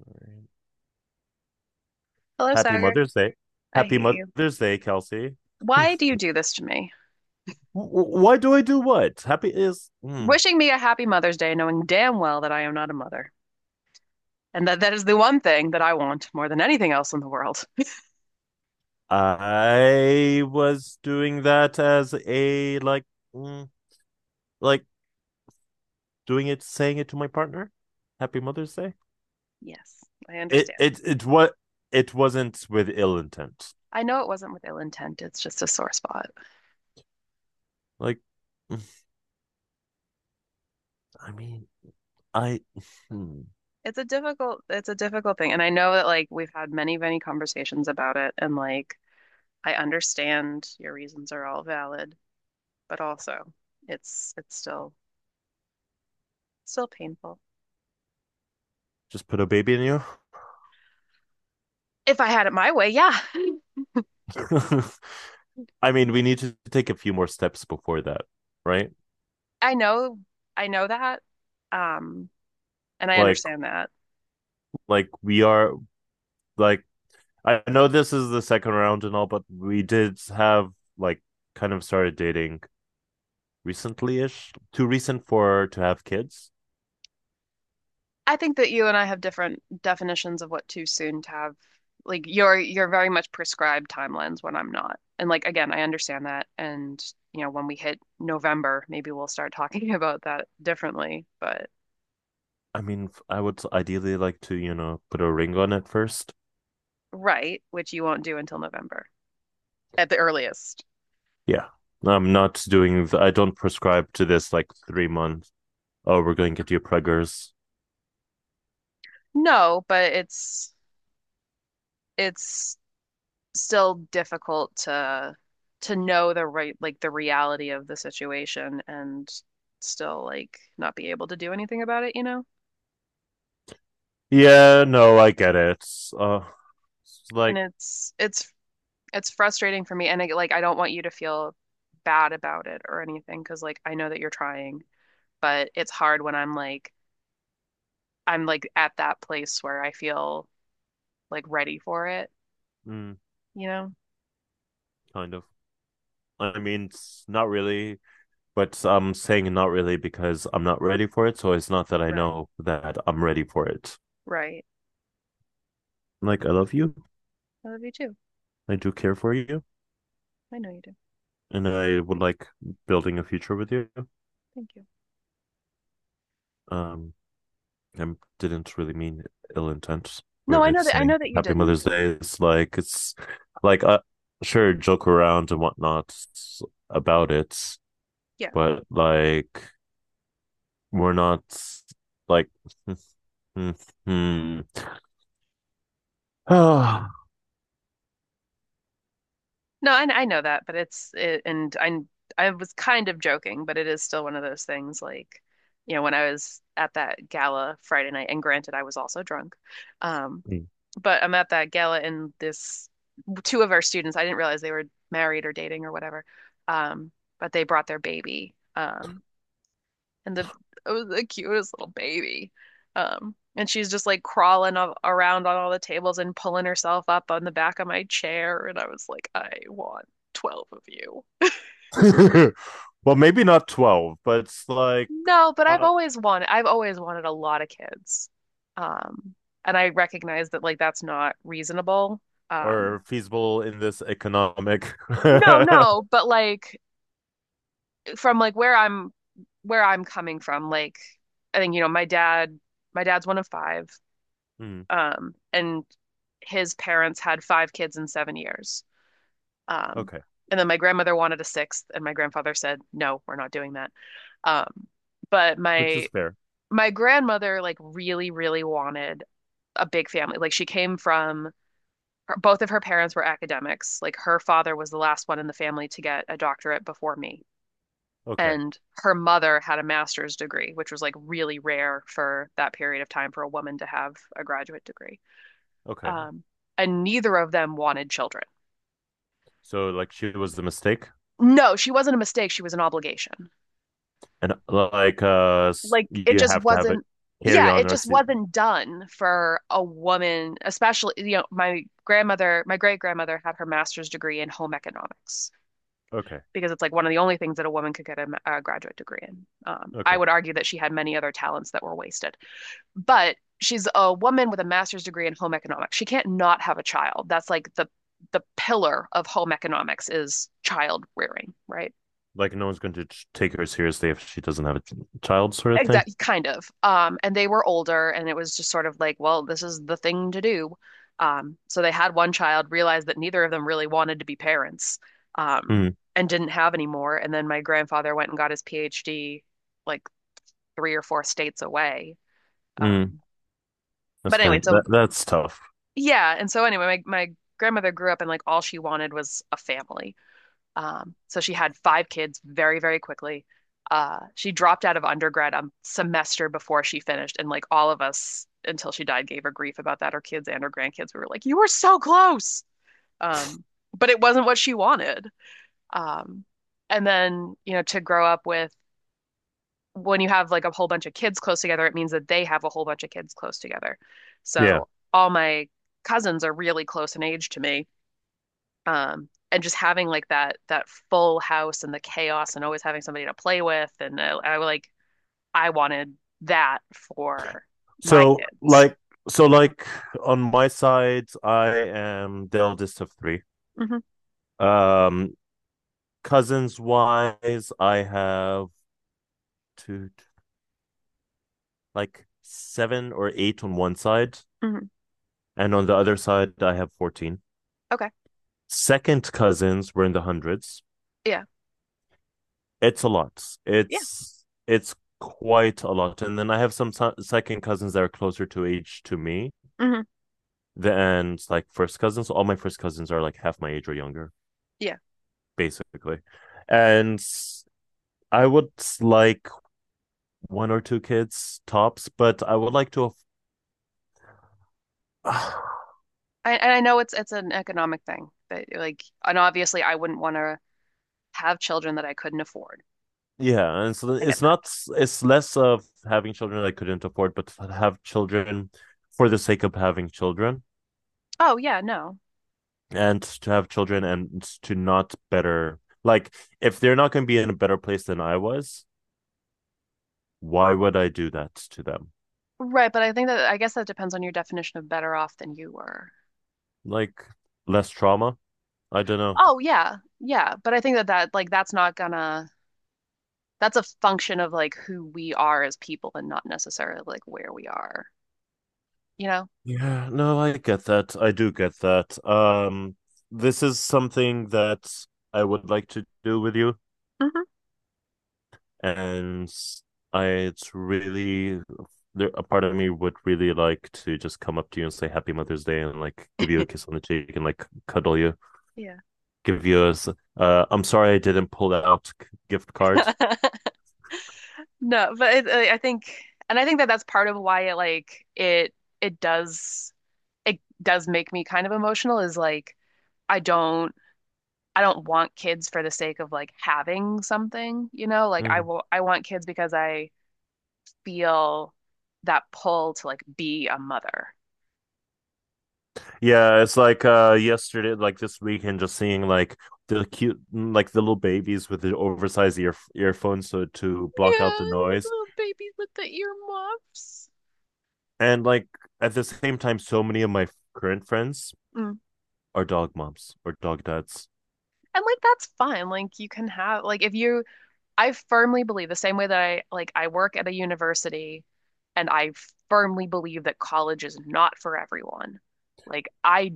Experience. Hello, Happy Sagar. Mother's Day. I Happy hate you. Mother's Day, Kelsey. Why do you do this to me? W- why do I do what? Happy is. Mm. Wishing me a happy Mother's Day, knowing damn well that I am not a mother, and that that is the one thing that I want more than anything else in the world. I was doing that as a mm, like doing it, saying it to my partner. Happy Mother's Day. Yes, I It understand. it it what it wasn't with ill intent. I know it wasn't with ill intent. It's just a sore spot. Like, mm, I mean, I hmm, It's a difficult thing, and I know that like we've had many, many conversations about it, and like I understand your reasons are all valid, but also it's still painful. just put a baby in you. If I had it my way, yeah. I mean, we need to take a few more steps before that, right? I know I know that. Um, and I Like, understand that. like we are like I know this is the second round and all, but we did have like kind of started dating recently ish. Too recent for to have kids. I think that you and I have different definitions of what too soon to have. Like you're very much prescribed timelines when I'm not. And like again, I understand that. And when we hit November, maybe we'll start talking about that differently. But. I mean, I would ideally like to, you know, put a ring on it first. Right, which you won't do until November at the earliest. Yeah. I'm not doing, I don't prescribe to this like 3 months. Oh, we're going to get you preggers. No, but it's still difficult to know the right like the reality of the situation and still like not be able to do anything about it, you know? Yeah, no, I get it. Uh, it's And like, it's frustrating for me and like I don't want you to feel bad about it or anything, because like I know that you're trying, but it's hard when I'm like at that place where I feel like ready for it, mm, you know? kind of. I mean, it's not really. But I'm saying not really because I'm not ready for it. So it's not that I Right. know that I'm ready for it. Right. Like, I love you. I love you too. I do care for you. I know you do. And I would like building a future with you. Thank you. Um, I didn't really mean ill intent No, I with know that I saying know that you Happy didn't. Mother's Day. It's like, like, uh, sure, joke around and whatnot about it. Yeah. But like, we're not like, hmm. No, I know that, but and I was kind of joking, but it is still one of those things like, when I was at that gala Friday night, and granted I was also drunk. Um, but I'm at that gala and this two of our students, I didn't realize they were married or dating or whatever. Um, but they brought their baby. And the it was the cutest little baby. And she's just like crawling around on all the tables and pulling herself up on the back of my chair, and I was like, I want 12 of you. Well, maybe not 12, but it's No, but I've uh, always wanted I've always wanted a lot of kids. Um, and I recognize that like that's not reasonable. Um, or feasible in this economic. no, no, but like from like where I'm coming from, like I think, my dad's one of five. Hmm, And his parents had five kids in 7 years. Um, okay. and then my grandmother wanted a sixth, and my grandfather said, "No, we're not doing that." Um, but Which my is fair. my grandmother like really, really wanted a big family. Like she came from both of her parents were academics. Like her father was the last one in the family to get a doctorate before me. Okay. And her mother had a master's degree, which was like really rare for that period of time for a woman to have a graduate degree. Okay. Um, and neither of them wanted children. So, like, she was the mistake. No, she wasn't a mistake. She was an obligation. And, Like it you just have to have it wasn't, carry yeah, on it or just see. wasn't done for a woman, especially, my grandmother, my great grandmother had her master's degree in home economics Okay. because it's like one of the only things that a woman could get a graduate degree in. I Okay. would argue that she had many other talents that were wasted. But she's a woman with a master's degree in home economics. She can't not have a child. That's like the pillar of home economics is child rearing, right? Like, no one's going to take her seriously if she doesn't have a child, sort of thing. Exactly, kind of. And they were older, and it was just sort of like, well, this is the thing to do. So they had one child, realized that neither of them really wanted to be parents, um, Mm, and didn't have any more. And then my grandfather went and got his PhD like three or four states away. mm, Um, that's but anyway, kind of, so that, that's tough. yeah. And so anyway, my grandmother grew up and like all she wanted was a family. So she had five kids very, very quickly. She dropped out of undergrad a semester before she finished, and like all of us until she died gave her grief about that, her kids and her grandkids. We were like, "You were so close." Um, but it wasn't what she wanted. Um, and then, to grow up with when you have like a whole bunch of kids close together, it means that they have a whole bunch of kids close together. Yeah. So all my cousins are really close in age to me. And just having like that full house and the chaos and always having somebody to play with and I like I wanted that for my So, kids. Like on my side, I am the eldest of three. Hmm. Um, cousins wise, I have two, like seven or eight on one side, Hmm. and on the other side, I have 14. Okay. Second cousins were in the hundreds. Yeah. It's a lot. Yeah. It's quite a lot. And then I have some second cousins that are closer to age to me Hmm. than like first cousins. All my first cousins are like half my age or younger, Yeah. basically. And I would like one or two kids tops, but I would like to And I know it's an economic thing, but like and obviously I wouldn't want to have children that I couldn't afford. Yeah, and so I get it's that. not it's less of having children I couldn't afford, but to have children for the sake of having children Oh yeah, no. and to have children and to not better like if they're not going to be in a better place than I was, why would I do that to them? Right, but I think that I guess that depends on your definition of better off than you were. Like less trauma? I don't know. Oh yeah, yeah, but I think that that like that's not gonna that's a function of like who we are as people and not necessarily like where we are, you know? Yeah, no, I get that. I do get that. This is something that I would like to do with you Hmm. and I it's really there a part of me would really like to just come up to you and say happy mother's day and like give you a kiss on the cheek and like cuddle you Yeah. give you a I'm sorry I didn't pull out gift card. No, but I think and I think that that's part of why it like it it does it does make me kind of emotional is like I don't I don't want kids for the sake of like having something, you know? Like I Mm. will I want kids because I feel that pull to like be a mother. Yeah, it's like yesterday, like this weekend, just seeing like the cute, like the little babies with the oversized ear earphones so to block out Yeah, the noise, little babies with the earmuffs. and like at the same time, so many of my current friends Mm. are dog moms or dog dads. And like that's fine. Like you can have, like, if you I firmly believe the same way that I work at a university and I firmly believe that college is not for everyone. Like I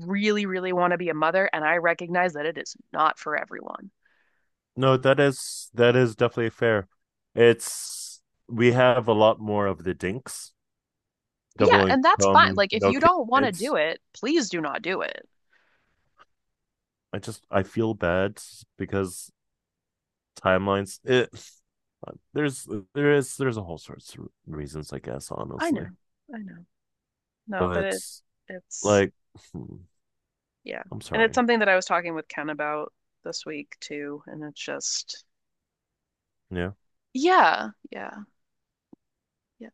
really really want to be a mother and I recognize that it is not for everyone. No, that is definitely fair. It's we have a lot more of the dinks, Yeah, double and that's fine. income, Like if no you don't want to kids. do it, please do not do it. I feel bad because timelines. It there's there is there's a whole sorts of reasons, I guess, I know. honestly. I know. No, but But it's, like, hmm, yeah. I'm And it's sorry. something that I was talking with Ken about this week too, and it's just Yeah. yeah, yeah, yeah.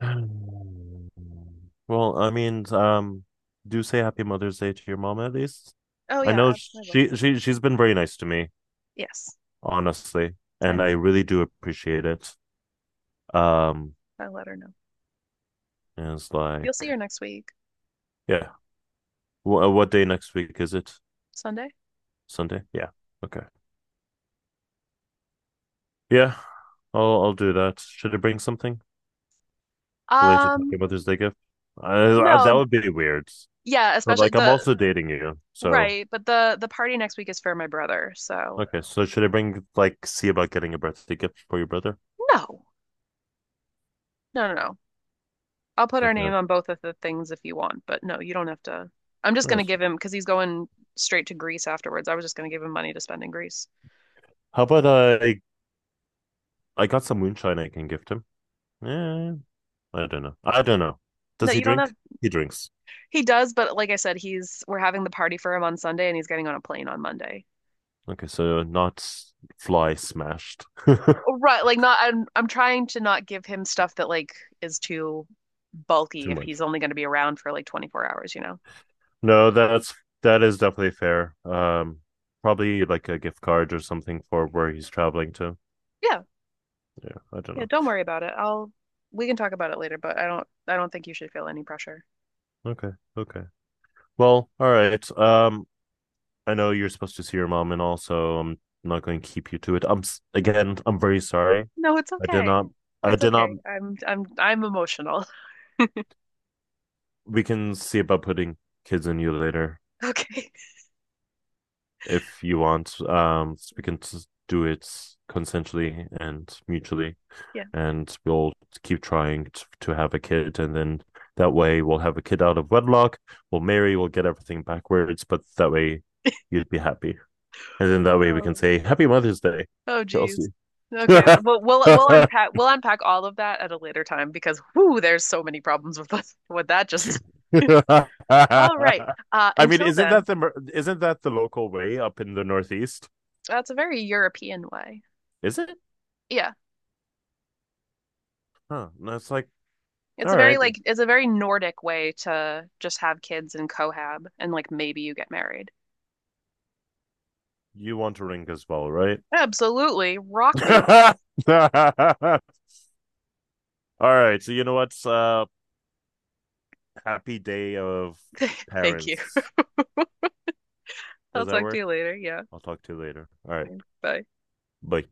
Well, I mean, do say Happy Mother's Day to your mom at least. Oh I yeah, know I will. She's been very nice to me, Yes, honestly, I and know. I really do appreciate it. Um, I'll let her know. and it's You'll see her like, next week, yeah, what day next week is it? Sunday. Sunday? Yeah. Okay. Yeah, I'll do that. Should I bring something? Late to talking Um, about this day gift. That no, would be weird. yeah, But especially like, I'm the also dating you, so right, but the party next week is for my brother, so okay. So should I bring like see about getting a birthday gift for your brother? no. No, no, no. I'll put our Like name that. on both of the things if you want, but no, you don't have to. I'm just gonna Yes. give him because he's going straight to Greece afterwards. I was just gonna give him money to spend in Greece. How about I got some moonshine I can gift him. Yeah, I don't know. I don't know. No, Does he you don't have. drink? He drinks. He does, but like I said, he's we're having the party for him on Sunday and he's getting on a plane on Monday. Okay, so not fly smashed too Oh, right, like not, I'm trying to not give him stuff that like is too bulky if much. he's only going to be around for like 24 hours, you know. No, that is definitely fair. Probably like a gift card or something for where he's traveling to. Yeah. Yeah, I don't Yeah, know. don't worry about it. I'll we can talk about it later, but I don't think you should feel any pressure. Okay, okay. Well, all right. I know you're supposed to see your mom, and also I'm not going to keep you to it. Again, I'm very sorry. No, it's I did okay. not. I It's did not. okay. I'm emotional. We can see about putting kids in you later Okay. if you want. We can do it consensually and mutually, Yeah. and we'll keep trying to have a kid, and then that way we'll have a kid out of wedlock. We'll marry. We'll get everything backwards, but that way you'd be happy, and then that way we can Oh. say Happy Mother's Day, Oh geez. Kelsey. Okay. Well, we'll we'll I unpack we'll unpack all of that at a later time because whoo, there's so many problems with us with that just. All right. Mean, Until then, isn't that the local way up in the Northeast? that's a very European way. Is it? Yeah. Huh. And it's like, It's all a right, very like it's a very Nordic way to just have kids and cohab and like maybe you get married. you want to ring as well, right? Absolutely. Rock me. All right. So you know what's happy day of Thank you. parents. I'll Does that talk to work? you later. Yeah. I'll talk to you later. All right. Bye. Bye.